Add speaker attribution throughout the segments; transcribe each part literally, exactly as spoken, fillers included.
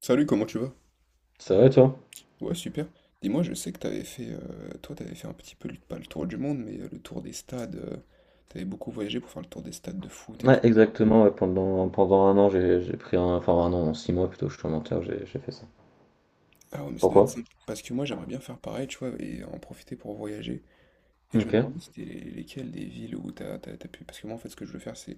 Speaker 1: Salut, comment tu vas?
Speaker 2: C'est vrai, toi?
Speaker 1: Ouais, super. Dis-moi, je sais que t'avais fait, euh, toi, t'avais fait un petit peu, le- pas le tour du monde, mais euh, le tour des stades. Euh, t'avais beaucoup voyagé pour faire le tour des stades de foot et tout.
Speaker 2: Ouais, exactement. Ouais, pendant, pendant un an, j'ai j'ai pris un. Enfin, un an, six mois plutôt, je suis un menteur, j'ai j'ai fait ça.
Speaker 1: Ah ouais, mais ça doit être
Speaker 2: Pourquoi?
Speaker 1: simple. Parce que moi, j'aimerais bien faire pareil, tu vois, et en profiter pour voyager. Et je me
Speaker 2: Ok.
Speaker 1: demandais, c'était les- lesquelles des villes où t'as, t'as, t'as pu. Parce que moi, en fait, ce que je veux faire, c'est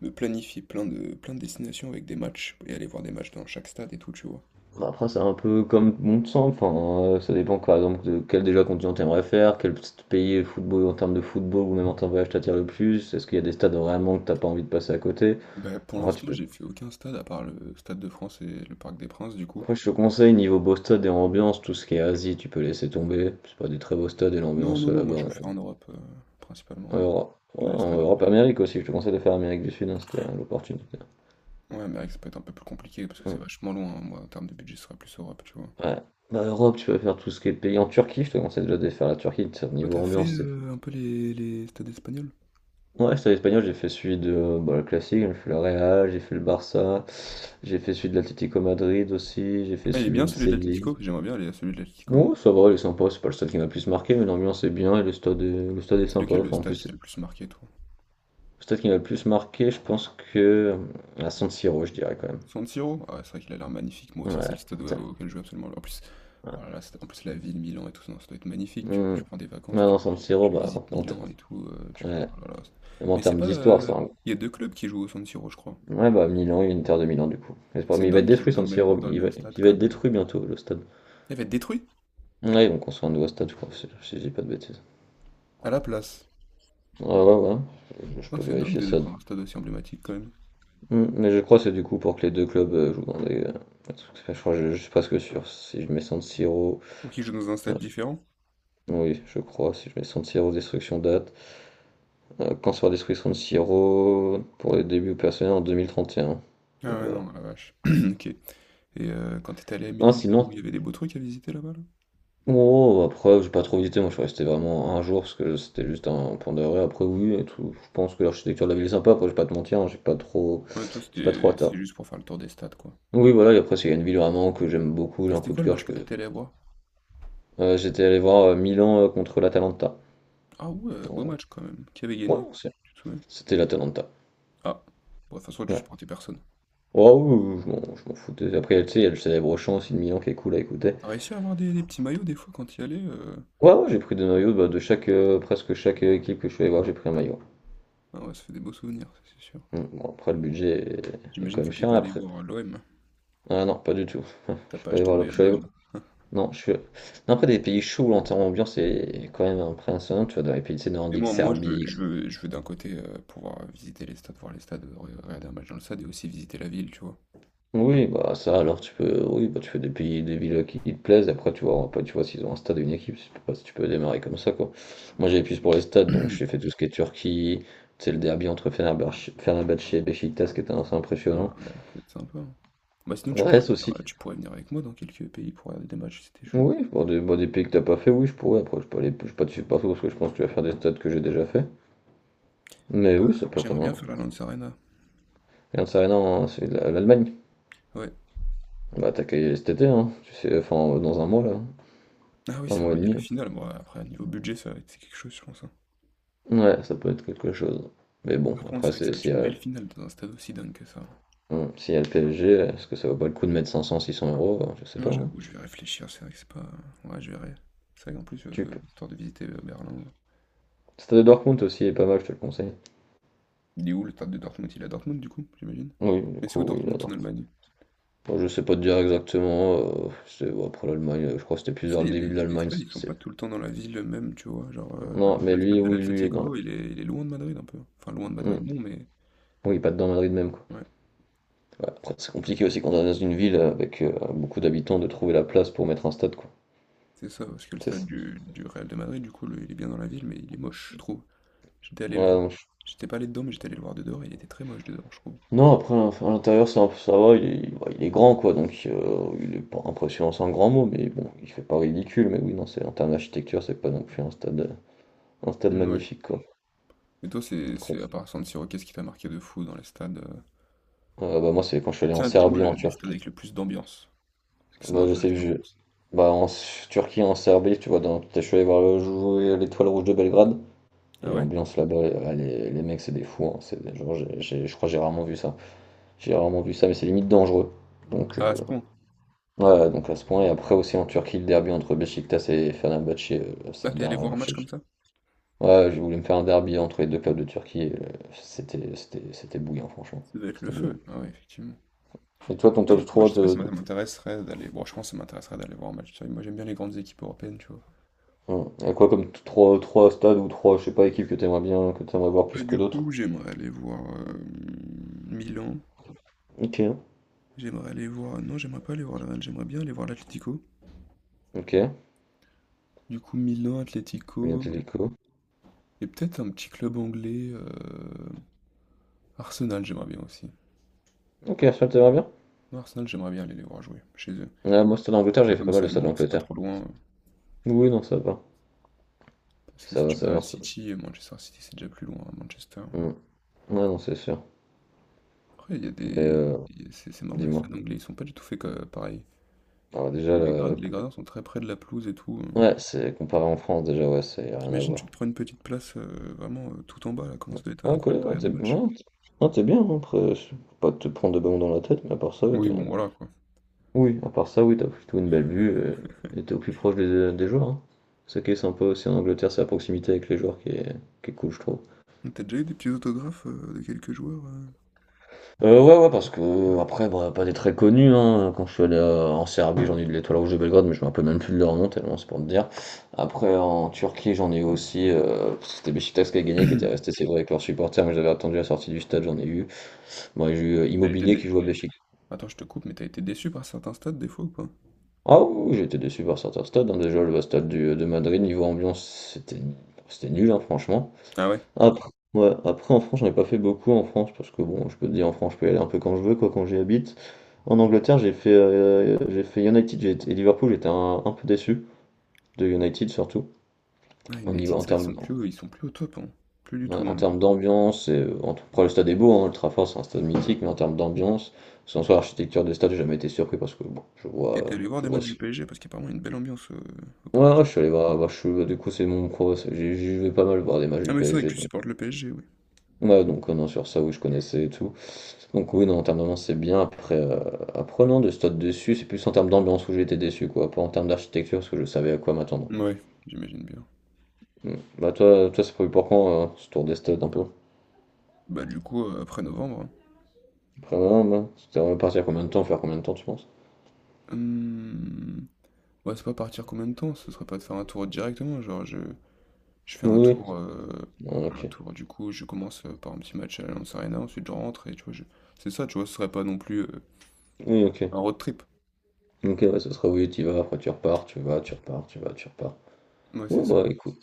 Speaker 1: me planifier plein de, plein de destinations avec des matchs et aller voir des matchs dans chaque stade et tout, tu vois.
Speaker 2: Bah, après, c'est un peu comme bon de sang. Enfin, euh, ça dépend, par exemple, de quel déjà continent t'aimerais faire, quel petit pays football en termes de football ou même en termes de voyage t'attire le plus. Est-ce qu'il y a des stades vraiment que t'as pas envie de passer à côté?
Speaker 1: Bah, pour
Speaker 2: Moi, tu
Speaker 1: l'instant,
Speaker 2: peux.
Speaker 1: j'ai fait aucun stade à part le Stade de France et le Parc des Princes, du coup.
Speaker 2: Après je te conseille, niveau beau stade et ambiance, tout ce qui est Asie, tu peux laisser tomber. C'est pas des très beaux stades et
Speaker 1: Non,
Speaker 2: l'ambiance
Speaker 1: non,
Speaker 2: euh,
Speaker 1: non, moi,
Speaker 2: là-bas
Speaker 1: je veux
Speaker 2: en
Speaker 1: faire en Europe, euh,
Speaker 2: en
Speaker 1: principalement.
Speaker 2: Europe. Ouais,
Speaker 1: Que les
Speaker 2: en
Speaker 1: stades
Speaker 2: Europe,
Speaker 1: européens.
Speaker 2: Amérique aussi, je te conseille de faire Amérique du Sud, hein, c'était euh, l'opportunité.
Speaker 1: Ouais, mais ça peut être un peu plus compliqué parce que c'est
Speaker 2: Ouais.
Speaker 1: vachement loin, hein. Moi, en termes de budget, ce serait plus Europe, tu vois.
Speaker 2: Ouais. Bah, Europe, tu peux faire tout ce qui est pays en Turquie, je te conseille déjà de faire la Turquie, t-
Speaker 1: Toi,
Speaker 2: niveau
Speaker 1: t'as fait
Speaker 2: ambiance, c'est...
Speaker 1: euh, un peu les, les stades espagnols?
Speaker 2: Ouais, j'étais à l'espagnol, j'ai fait celui de euh, bah, le classique, j'ai fait le Real, j'ai fait le Barça, j'ai fait celui de l'Atlético Madrid aussi, j'ai fait
Speaker 1: Ah, il est
Speaker 2: celui
Speaker 1: bien
Speaker 2: de
Speaker 1: celui de
Speaker 2: Séville.
Speaker 1: l'Atlético. J'aimerais bien aller à celui de l'Atlético, moi.
Speaker 2: Ouais, ça va, il est sympa, c'est pas le stade qui m'a le plus marqué, mais l'ambiance est bien et le stade est, le stade est
Speaker 1: C'est
Speaker 2: sympa.
Speaker 1: lequel le
Speaker 2: Enfin, en
Speaker 1: stade qui
Speaker 2: plus,
Speaker 1: t'a le plus marqué, toi?
Speaker 2: le stade qui m'a le plus marqué, je pense que euh, à San Siro, je dirais quand même.
Speaker 1: San Siro? Ah, c'est vrai qu'il a l'air magnifique. Moi aussi, c'est
Speaker 2: Ouais,
Speaker 1: le stade au-
Speaker 2: tiens,
Speaker 1: auquel je veux absolument aller. En plus, oh là
Speaker 2: ouais.
Speaker 1: là, c'est- en plus la ville, Milan et tout ça, ça doit être magnifique. Tu,
Speaker 2: Hmm.
Speaker 1: tu
Speaker 2: Ouais,
Speaker 1: prends des vacances, tu,
Speaker 2: non, San Siro,
Speaker 1: tu
Speaker 2: bah, en,
Speaker 1: visites
Speaker 2: en ter-
Speaker 1: Milan et tout. Euh, tu fais,
Speaker 2: ouais.
Speaker 1: oh là là, c'est-
Speaker 2: Même en
Speaker 1: Mais c'est
Speaker 2: termes
Speaker 1: pas.
Speaker 2: d'histoire,
Speaker 1: euh,
Speaker 2: ça.
Speaker 1: Il y a deux clubs qui jouent au San Siro, je crois.
Speaker 2: Ouais, bah Milan, Inter de Milan du coup. J'espère-
Speaker 1: C'est
Speaker 2: Mais il va être
Speaker 1: dingue qu'ils jouent
Speaker 2: détruit
Speaker 1: dans
Speaker 2: San
Speaker 1: le même,
Speaker 2: Siro,
Speaker 1: dans le
Speaker 2: il va,
Speaker 1: même stade
Speaker 2: il va
Speaker 1: quand
Speaker 2: être
Speaker 1: même.
Speaker 2: détruit bientôt le stade.
Speaker 1: Elle va être détruite.
Speaker 2: Ouais, ils vont construire un nouveau stade, je crois, si si je dis pas de bêtises.
Speaker 1: À la place.
Speaker 2: Ouais, ouais, ouais, je, je
Speaker 1: Oh,
Speaker 2: peux
Speaker 1: c'est dingue
Speaker 2: vérifier
Speaker 1: de
Speaker 2: ça.
Speaker 1: défendre un stade aussi emblématique quand même.
Speaker 2: Hmm. Mais je crois que c'est du coup pour que les deux clubs euh, jouent dans des. Euh, je crois, je, je suis presque sûr. Si je mets San Siro.
Speaker 1: Pour qu'ils jouent dans un
Speaker 2: Ouais,
Speaker 1: stade différent?
Speaker 2: oui, je crois, si je mets San Siro destruction date. Euh, quand sera détruit San Siro pour les débuts personnels en deux mille trente et un. Bon,
Speaker 1: Ah ouais,
Speaker 2: voilà.
Speaker 1: non, la vache. Ok. Et euh, quand t'étais allé à
Speaker 2: Non,
Speaker 1: Milan, du coup,
Speaker 2: sinon,
Speaker 1: il y avait des beaux trucs à visiter là-bas, là?
Speaker 2: oh, après, j'ai pas trop visité, moi je suis resté vraiment un jour parce que c'était juste un point d'arrêt. Après, oui, et tout. Je pense que l'architecture de la ville est sympa, après, je vais pas te mentir, hein, j'ai pas trop,
Speaker 1: Ouais, toi,
Speaker 2: j'ai pas trop
Speaker 1: c'était
Speaker 2: hâte,
Speaker 1: c'est
Speaker 2: hein.
Speaker 1: juste pour faire le tour des stades, quoi.
Speaker 2: Oui, voilà, et après, s'il y a une ville vraiment que j'aime beaucoup, j'ai
Speaker 1: Et
Speaker 2: un
Speaker 1: c'était
Speaker 2: coup
Speaker 1: quoi
Speaker 2: de
Speaker 1: le
Speaker 2: cœur,
Speaker 1: match
Speaker 2: je
Speaker 1: que
Speaker 2: peux.
Speaker 1: t'étais allé voir?
Speaker 2: Euh, j'étais allé voir euh, Milan euh, contre l'Atalanta.
Speaker 1: Ah ouais, beau
Speaker 2: En-
Speaker 1: match quand même. Qui avait
Speaker 2: Ouais,
Speaker 1: gagné?
Speaker 2: c'est-
Speaker 1: Tu te souviens?
Speaker 2: c'était l'Atalanta.
Speaker 1: Ah, bon, de toute façon, tu
Speaker 2: Ouais.
Speaker 1: supportais personne.
Speaker 2: Oh, oui, oui, je m'en je m'en foutais. Après, tu sais, il y a le célèbre chant aussi de Milan qui est cool à écouter.
Speaker 1: T'as réussi à avoir des, des petits maillots des fois quand y allais? euh
Speaker 2: Ouais, ouais, j'ai pris des maillots bah, de chaque, euh, presque chaque euh, équipe que je suis allé voir, j'ai pris un maillot.
Speaker 1: Ah ouais, ça fait des beaux souvenirs, ça, c'est sûr.
Speaker 2: Mm, Bon, après, le budget est, est
Speaker 1: J'imagine
Speaker 2: quand
Speaker 1: que
Speaker 2: même
Speaker 1: t'es
Speaker 2: cher.
Speaker 1: pas allé
Speaker 2: Après,
Speaker 1: voir l'O M.
Speaker 2: ah non, pas du tout.
Speaker 1: T'as
Speaker 2: Je suis
Speaker 1: pas
Speaker 2: pas allé
Speaker 1: acheté de
Speaker 2: voir le...
Speaker 1: maillot
Speaker 2: je
Speaker 1: de
Speaker 2: suis allé-
Speaker 1: l'O M.
Speaker 2: Non, je suis... Non, après, des pays chauds, en termes d'ambiance, c'est quand même impressionnant. Tu vois, dans les pays, tu sais,
Speaker 1: Mais
Speaker 2: nordiques,
Speaker 1: moi, moi je veux,
Speaker 2: Serbie...
Speaker 1: je
Speaker 2: et cetera.
Speaker 1: veux, je veux d'un côté euh, pouvoir visiter les stades, voir les stades, euh, re- regarder un match dans le stade et aussi visiter la ville, tu vois.
Speaker 2: Oui, bah ça, alors, tu peux... Oui, bah, tu fais des pays, des villes qui, qui te plaisent. Après, tu vois, après, tu vois s'ils ont un stade et une équipe. Je sais pas si tu peux démarrer comme ça, quoi. Moi, j'avais plus pour les stades, donc j'ai fait tout ce qui est Turquie. Tu sais, le derby entre Fenerbahçe Fenerbahçe et Beşiktaş, qui était assez
Speaker 1: Ah,
Speaker 2: impressionnant.
Speaker 1: ça peut être sympa, hein. Bah sinon tu pourrais
Speaker 2: Brest
Speaker 1: venir,
Speaker 2: aussi.
Speaker 1: euh, tu pourrais venir avec moi dans quelques pays pour regarder des matchs, c'était chaud.
Speaker 2: Oui, pour des, bah, des pays que t'as pas fait, oui, je pourrais. Après, je peux aller... Je peux pas te suivre partout, parce que je pense que tu vas faire des stades que j'ai déjà fait. Mais
Speaker 1: Ah,
Speaker 2: oui, ça peut être
Speaker 1: j'aimerais
Speaker 2: un,
Speaker 1: bien faire la Lance Arena.
Speaker 2: regarde ça, non, c'est la- l'Allemagne.
Speaker 1: Ouais.
Speaker 2: On va attaquer cet été, hein. Tu sais, enfin, dans un mois, là.
Speaker 1: Ah oui,
Speaker 2: Un
Speaker 1: c'est
Speaker 2: mois et
Speaker 1: vrai, il y a
Speaker 2: demi,
Speaker 1: la
Speaker 2: là.
Speaker 1: finale. Bon, après, niveau budget, ça va être c'est quelque chose, je pense, hein.
Speaker 2: Ouais, ça peut être quelque chose. Mais bon,
Speaker 1: Par contre, c'est
Speaker 2: après,
Speaker 1: vrai que ça
Speaker 2: c'est
Speaker 1: va
Speaker 2: s'il
Speaker 1: être
Speaker 2: y
Speaker 1: une
Speaker 2: a,
Speaker 1: belle finale dans un stade aussi dingue que ça.
Speaker 2: hum, s'il y a le P S G, est-ce que ça vaut pas le coup de mettre cinq cents, six cents euros? Ben, je sais
Speaker 1: Non,
Speaker 2: pas, hein.
Speaker 1: j'avoue, je vais réfléchir, c'est vrai que c'est pas... Ouais, je verrai. C'est vrai qu'en plus,
Speaker 2: Tu
Speaker 1: euh,
Speaker 2: peux.
Speaker 1: histoire de visiter euh, Berlin...
Speaker 2: Stade de Dortmund aussi est pas mal, je te le conseille.
Speaker 1: Il est où le stade de Dortmund? Il est à Dortmund, du coup, j'imagine.
Speaker 2: Oui, du
Speaker 1: Mais c'est
Speaker 2: coup,
Speaker 1: où
Speaker 2: oui, la
Speaker 1: Dortmund en
Speaker 2: Dortmund.
Speaker 1: Allemagne?
Speaker 2: Bon, je sais pas te dire exactement. Euh, c'est, bon, après l'Allemagne, euh, je crois que c'était plus
Speaker 1: Tu
Speaker 2: vers
Speaker 1: sais, il
Speaker 2: le
Speaker 1: y a des,
Speaker 2: début de
Speaker 1: il y a des
Speaker 2: l'Allemagne.
Speaker 1: stades, ils sont
Speaker 2: c'est-
Speaker 1: pas tout le temps dans la ville même, tu vois. Genre, euh, par
Speaker 2: Non,
Speaker 1: exemple,
Speaker 2: mais
Speaker 1: le
Speaker 2: lui,
Speaker 1: stade de
Speaker 2: oui, lui, il est dans le...
Speaker 1: l'Atlético, il est, il est loin de Madrid un peu. Enfin, loin de Madrid,
Speaker 2: Hum.
Speaker 1: non, mais
Speaker 2: Oui, pas dedans Madrid même, quoi.
Speaker 1: ouais,
Speaker 2: Ouais, après, c'est compliqué aussi quand on est dans une ville avec euh, beaucoup d'habitants de trouver la place pour mettre un stade, quoi.
Speaker 1: c'est ça. Parce que le
Speaker 2: C'est
Speaker 1: stade
Speaker 2: ça.
Speaker 1: du, du Real de Madrid, du coup, le- il est bien dans la ville, mais il est moche, je trouve. J'étais allé
Speaker 2: Ouais,
Speaker 1: le voir.
Speaker 2: non, je-
Speaker 1: J'étais pas allé dedans, mais j'étais allé le voir de dehors, et il était très moche de dehors, je trouve.
Speaker 2: non, après, à l'intérieur, ça, ça va, il est, bah, il est grand, quoi, donc euh, il est pas impressionnant, c'est un grand mot, mais bon, il fait pas ridicule, mais oui, non, c'est, en termes d'architecture, c'est pas non plus un stade, euh, un stade
Speaker 1: Mm, ouais.
Speaker 2: magnifique, quoi.
Speaker 1: Et toi, c'est,
Speaker 2: Con.
Speaker 1: c'est à part San Siro, qu'est-ce qui t'a marqué de fou dans les stades? euh
Speaker 2: Euh, bah, moi, c'est quand je suis allé en
Speaker 1: Tiens, dis-moi
Speaker 2: Serbie,
Speaker 1: le-
Speaker 2: en
Speaker 1: les stades
Speaker 2: Turquie.
Speaker 1: avec le plus d'ambiance. Parce que ça
Speaker 2: Bah, je sais que
Speaker 1: m'intéresse
Speaker 2: je.
Speaker 1: l'ambiance.
Speaker 2: Bah, en S- Turquie, en Serbie, tu vois, dans... je suis allé voir le jouer à l'Étoile Rouge de Belgrade, et
Speaker 1: Ah ouais?
Speaker 2: l'ambiance là-bas, elle elle est- les, mecs, c'est des fous, hein, c'est des... Genre, j'ai- j'ai- je crois que j'ai rarement vu ça. J'ai rarement vu ça, mais c'est limite dangereux. Donc,
Speaker 1: Ah, à
Speaker 2: euh,
Speaker 1: ce point.
Speaker 2: ouais, donc à ce point. Et après aussi en Turquie, le derby entre Beşiktaş et Fenerbahçe, euh, c'est
Speaker 1: Ah,
Speaker 2: un
Speaker 1: t'es allé
Speaker 2: derby.
Speaker 1: voir un match comme ça?
Speaker 2: Ouais, je voulais me faire un derby entre les deux clubs de Turquie, et, euh, c'était, c'était, c'était bouillant, franchement.
Speaker 1: Ça doit être le
Speaker 2: C'était bouillant.
Speaker 1: feu. Ah ouais, effectivement.
Speaker 2: Et toi, ton
Speaker 1: Non,
Speaker 2: top
Speaker 1: mais moi,
Speaker 2: trois
Speaker 1: je sais pas si
Speaker 2: de,
Speaker 1: ça
Speaker 2: de-
Speaker 1: m'intéresserait d'aller. Bon, je pense que ça m'intéresserait d'aller voir un match. Moi, j'aime bien les grandes équipes européennes, tu vois.
Speaker 2: ouais. Et quoi comme trois trois stades ou trois je sais pas, équipes que t'aimerais bien, que t'aimerais voir
Speaker 1: Bah,
Speaker 2: plus que
Speaker 1: du
Speaker 2: d'autres?
Speaker 1: coup, j'aimerais aller voir euh, Milan.
Speaker 2: Ok,
Speaker 1: J'aimerais aller voir. Non, j'aimerais pas aller voir le Real. J'aimerais bien aller voir l'Atlético.
Speaker 2: ok,
Speaker 1: Du coup, Milan,
Speaker 2: bien
Speaker 1: Atlético.
Speaker 2: Atlético.
Speaker 1: Et peut-être un petit club anglais. euh, Arsenal, j'aimerais bien aussi.
Speaker 2: Ok, Arsenal, t'aimerais bien?
Speaker 1: Moi, Arsenal, j'aimerais bien aller les voir jouer chez eux.
Speaker 2: Ouais, moi, stade d'Angleterre,
Speaker 1: Tu
Speaker 2: j'ai
Speaker 1: vois,
Speaker 2: fait pas
Speaker 1: comme
Speaker 2: mal
Speaker 1: c'est
Speaker 2: de
Speaker 1: à
Speaker 2: stades
Speaker 1: Londres, c'est pas
Speaker 2: d'Angleterre.
Speaker 1: trop loin. euh,
Speaker 2: Oui, non, ça va.
Speaker 1: Parce que
Speaker 2: Ça
Speaker 1: si
Speaker 2: va,
Speaker 1: tu
Speaker 2: ça
Speaker 1: vas
Speaker 2: va,
Speaker 1: à
Speaker 2: merci.
Speaker 1: City, euh, Manchester City, c'est déjà plus loin, à Manchester.
Speaker 2: Mm. Ouais, non, c'est sûr.
Speaker 1: Après, il y a
Speaker 2: Mais
Speaker 1: des.
Speaker 2: euh,
Speaker 1: Il y a- C'est c'est marrant, les
Speaker 2: dis-moi.
Speaker 1: stades anglais, ils sont pas du tout faits que- pareil.
Speaker 2: Alors déjà,
Speaker 1: Les les grad-
Speaker 2: le...
Speaker 1: les gradins sont très près de la pelouse et tout, heu.
Speaker 2: le- ouais, c'est comparé en France, déjà, ouais, c'est rien à
Speaker 1: T'imagines, tu
Speaker 2: voir.
Speaker 1: te prends une petite place, heu, vraiment, heu, tout en bas là, comment ça doit être
Speaker 2: Ah, quoi,
Speaker 1: incroyable de
Speaker 2: ouais,
Speaker 1: regarder
Speaker 2: t'es,
Speaker 1: le
Speaker 2: ouais,
Speaker 1: match?
Speaker 2: t'es- non, t'es bien, hein, après, je- faut pas te prendre de ballon dans la tête, mais à part ça, ouais, t'es...
Speaker 1: Oui, bon, voilà quoi.
Speaker 2: Oui, à part ça, oui, t'as plutôt une belle vue, euh, et t'es au plus proche des, des joueurs, hein. C'est ça qui est sympa aussi en Angleterre, c'est la proximité avec les joueurs qui est, qui est cool, je trouve.
Speaker 1: T'as déjà eu des petits autographes, heu, de quelques joueurs, heu?
Speaker 2: Heu, ouais, ouais, parce qu'après, bah, pas des très connus, hein, quand je suis allé, heu, en Serbie, j'en ai eu de l'Étoile rouge de Belgrade, mais je me rappelle même plus de leur nom tellement c'est pour te dire. Après en Turquie, j'en ai eu aussi, heu, c'était Beşiktaş qui a
Speaker 1: Tu
Speaker 2: gagné, qui était resté, c'est vrai, avec leurs supporters, mais j'avais attendu la sortie du stade, j'en ai eu. Moi, j'ai eu, heu,
Speaker 1: été
Speaker 2: Immobilier qui
Speaker 1: dé
Speaker 2: joue à Beşik.
Speaker 1: attends, je te coupe, mais t'as été déçu par certains stades des fois ou pas?
Speaker 2: Ah oui, oui, j'étais déçu par certains stades, hein, déjà le stade du de Madrid, niveau ambiance, c'était c'était nul, hein, franchement.
Speaker 1: Ah ouais?
Speaker 2: Après, ouais, après en France, j'en ai pas fait beaucoup en France parce que bon, je peux te dire en France, je peux y aller un peu quand je veux, quoi, quand j'y habite. En Angleterre, j'ai fait, euh, j'ai fait United, j'ai été- et Liverpool, j'étais un, un peu déçu de United surtout.
Speaker 1: Ah
Speaker 2: En, niveau-
Speaker 1: United,
Speaker 2: en
Speaker 1: c'est vrai qu'ils
Speaker 2: termes,
Speaker 1: sont plus au ils sont plus au top, hein. Plus du
Speaker 2: ouais,
Speaker 1: tout
Speaker 2: en
Speaker 1: même.
Speaker 2: termes d'ambiance, et, euh, en tout- après le stade est beau, hein, le Trafford c'est un stade mythique, mais en termes d'ambiance, sans soi l'architecture des stades, j'ai jamais été surpris parce que bon, je
Speaker 1: Et
Speaker 2: vois,
Speaker 1: t'es
Speaker 2: euh,
Speaker 1: allé voir
Speaker 2: je
Speaker 1: des
Speaker 2: vois.
Speaker 1: matchs du P S G? Parce qu'apparemment il y a une belle ambiance, heu, au
Speaker 2: Ouais,
Speaker 1: parc.
Speaker 2: ouais, je suis allé voir, voir- je suis- du coup c'est mon pro, c'est- j'y j'y vais pas mal voir des matchs
Speaker 1: Ah
Speaker 2: du
Speaker 1: mais c'est vrai que
Speaker 2: P S G.
Speaker 1: tu supportes le P S G, oui.
Speaker 2: Ouais, donc, heu, non, sur ça, oui, je connaissais et tout. Donc oui, non, en termes d'ambiance, c'est bien. Après, heu, après non, de stade dessus c'est plus en termes d'ambiance où j'ai été déçu, quoi. Pas en termes d'architecture, parce que je savais à quoi m'attendre.
Speaker 1: Ouais, j'imagine bien.
Speaker 2: Mmh. Bah, toi toi, c'est prévu pour quand, heu, ce tour des stades un peu?
Speaker 1: Bah, du coup, heu, après novembre,
Speaker 2: Après voilà, moi, c'était repartir combien de temps, faire combien de temps, tu penses?
Speaker 1: hein. Mmh. Ouais, c'est pas partir combien de temps? Ce serait pas de faire un tour directement, genre je, je fais un
Speaker 2: Oui.
Speaker 1: tour, euh,
Speaker 2: Ouais,
Speaker 1: un
Speaker 2: OK.
Speaker 1: tour du coup, je commence euh, par un petit match à l'Allianz Arena, ensuite je rentre et tu vois, je... c'est ça, tu vois, ce serait pas non plus euh,
Speaker 2: Oui, OK.
Speaker 1: un road trip.
Speaker 2: OK, ouais, ce sera oui, tu vas, après tu repars, tu vas, tu repars, tu vas, tu repars.
Speaker 1: Ouais, c'est
Speaker 2: Ouais,
Speaker 1: ça.
Speaker 2: bah, écoute,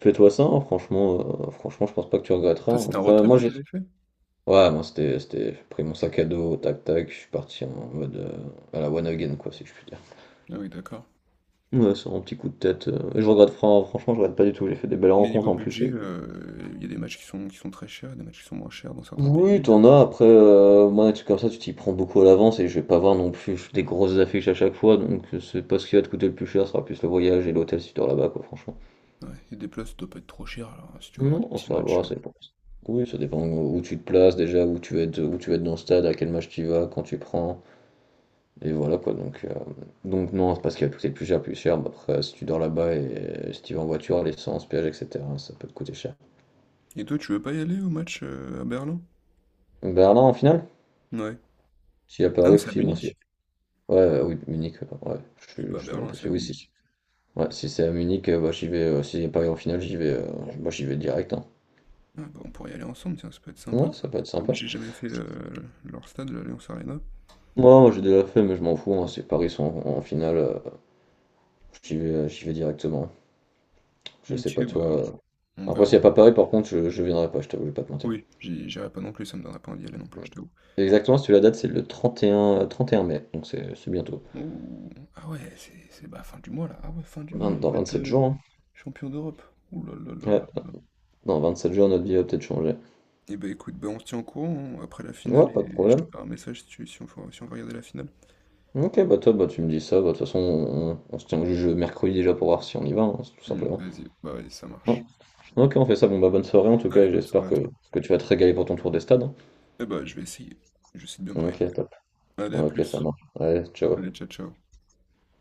Speaker 2: fais-toi ça, hein, franchement, heu, franchement, je pense pas que tu regretteras,
Speaker 1: Toi,
Speaker 2: hein.
Speaker 1: c'était un road
Speaker 2: Après,
Speaker 1: trip
Speaker 2: moi,
Speaker 1: que
Speaker 2: j'ai
Speaker 1: t'avais fait?
Speaker 2: ouais, moi c'était, c'était, j'ai pris mon sac à dos, tac tac, je suis parti en mode euh, à la one again quoi, si je puis dire.
Speaker 1: Ah oui, d'accord.
Speaker 2: Ouais, c'est un petit coup de tête, euh, et je regrette, fran- franchement, je regrette pas du tout, j'ai fait des belles
Speaker 1: Mais
Speaker 2: rencontres
Speaker 1: niveau
Speaker 2: en plus.
Speaker 1: budget,
Speaker 2: Et
Speaker 1: euh, il y a des matchs qui sont, qui sont très chers, des matchs qui sont moins chers dans certains
Speaker 2: oui,
Speaker 1: pays. euh.
Speaker 2: t'en as, après, euh, moi, des trucs comme ça, tu t'y prends beaucoup à l'avance et je vais pas voir non plus des grosses affiches à chaque fois, donc euh, c'est pas ce qui va te coûter le plus cher, ce sera plus le voyage et l'hôtel si tu dors là-bas quoi, franchement.
Speaker 1: Ouais, et des places, ça doit pas être trop cher, alors si tu veux avoir des
Speaker 2: Non, on
Speaker 1: petits
Speaker 2: ça
Speaker 1: matchs.
Speaker 2: va,
Speaker 1: euh.
Speaker 2: c'est pas. Oui, ça dépend où tu te places déjà, où tu vas être, où tu vas être dans le stade, à quel match tu y vas, quand tu prends. Et voilà quoi, donc, euh, donc non, c'est parce qu'il va tout coûter plus cher, plus cher. Bah, après, si tu dors là-bas et euh, si tu vas en voiture, l'essence, péage, et cetera, ça peut te coûter cher.
Speaker 1: Et toi, tu veux pas y aller au match euh, à Berlin?
Speaker 2: Donc Berlin en finale?
Speaker 1: Ouais.
Speaker 2: Si à
Speaker 1: Ah non,
Speaker 2: Paris,
Speaker 1: c'est à
Speaker 2: aussi, moi aussi.
Speaker 1: Munich.
Speaker 2: Ouais, euh, oui, Munich, ouais, ouais.
Speaker 1: C'est
Speaker 2: je,
Speaker 1: pas à
Speaker 2: je sais même
Speaker 1: Berlin,
Speaker 2: pas
Speaker 1: c'est à
Speaker 2: si oui, si, c'est-
Speaker 1: Munich.
Speaker 2: ouais, si c'est à Munich, euh, bah, j'y vais, euh, si c'est Paris en finale, j'y vais, euh, bah, j'y vais direct, hein.
Speaker 1: Ah bah, on pourrait y aller ensemble, tiens, ça peut être sympa
Speaker 2: Ouais,
Speaker 1: ça.
Speaker 2: ça peut être
Speaker 1: Comme
Speaker 2: sympa.
Speaker 1: j'ai jamais fait euh, leur stade, l'Alliance Arena.
Speaker 2: Moi, moi j'ai déjà fait, mais je m'en fous, hein, si Paris sont en, en, finale, euh, j'y vais, euh, j'y vais directement. Je
Speaker 1: Ok,
Speaker 2: sais pas
Speaker 1: bah
Speaker 2: toi. euh.
Speaker 1: on, on
Speaker 2: Après, s'il
Speaker 1: verra.
Speaker 2: n'y a pas Paris, par contre, je, je viendrai pas, je t'avoue, je vais pas te mentir.
Speaker 1: Oui, j'y- j'irai pas non plus, ça me donnera pas envie d'y aller non plus,
Speaker 2: Ouais.
Speaker 1: je t'avoue.
Speaker 2: Exactement, si tu la date, c'est le 31, euh, trente et un mai, donc c'est c'est bientôt.
Speaker 1: Oh, ah ouais, c'est c'est bah, fin du mois là. Ah ouais, fin du mois,
Speaker 2: Vingt-
Speaker 1: on
Speaker 2: dans
Speaker 1: peut être
Speaker 2: vingt-sept
Speaker 1: euh,
Speaker 2: jours, hein.
Speaker 1: champion d'Europe. Ouh là là là
Speaker 2: Ouais,
Speaker 1: là là.
Speaker 2: dans vingt-sept jours, notre vie va peut-être changer.
Speaker 1: Et bah écoute, bah on se tient au courant hein, après la finale
Speaker 2: Ouais, pas de
Speaker 1: et je te
Speaker 2: problème.
Speaker 1: ferai un message si, tu- si on, faut- si on veut regarder la finale.
Speaker 2: Ok, bah toi, bah tu me dis ça, bah de toute façon, on, on se tient au jeu mercredi déjà pour voir si on y va, hein, c'est tout
Speaker 1: Hmm,
Speaker 2: simplement.
Speaker 1: vas-y, bah vas-y, ça
Speaker 2: Ouais.
Speaker 1: marche.
Speaker 2: Ok, on fait ça, bon bah bonne soirée en tout cas,
Speaker 1: Allez,
Speaker 2: et
Speaker 1: bonne
Speaker 2: j'espère
Speaker 1: soirée à
Speaker 2: que,
Speaker 1: toi.
Speaker 2: que tu vas te régaler pour ton tour des stades, hein.
Speaker 1: Eh bah je vais essayer. Je sais de bien
Speaker 2: Ok,
Speaker 1: m'organiser.
Speaker 2: top.
Speaker 1: Allez, à
Speaker 2: Ok, ça
Speaker 1: plus.
Speaker 2: marche. Allez, ciao.
Speaker 1: Allez, ciao ciao.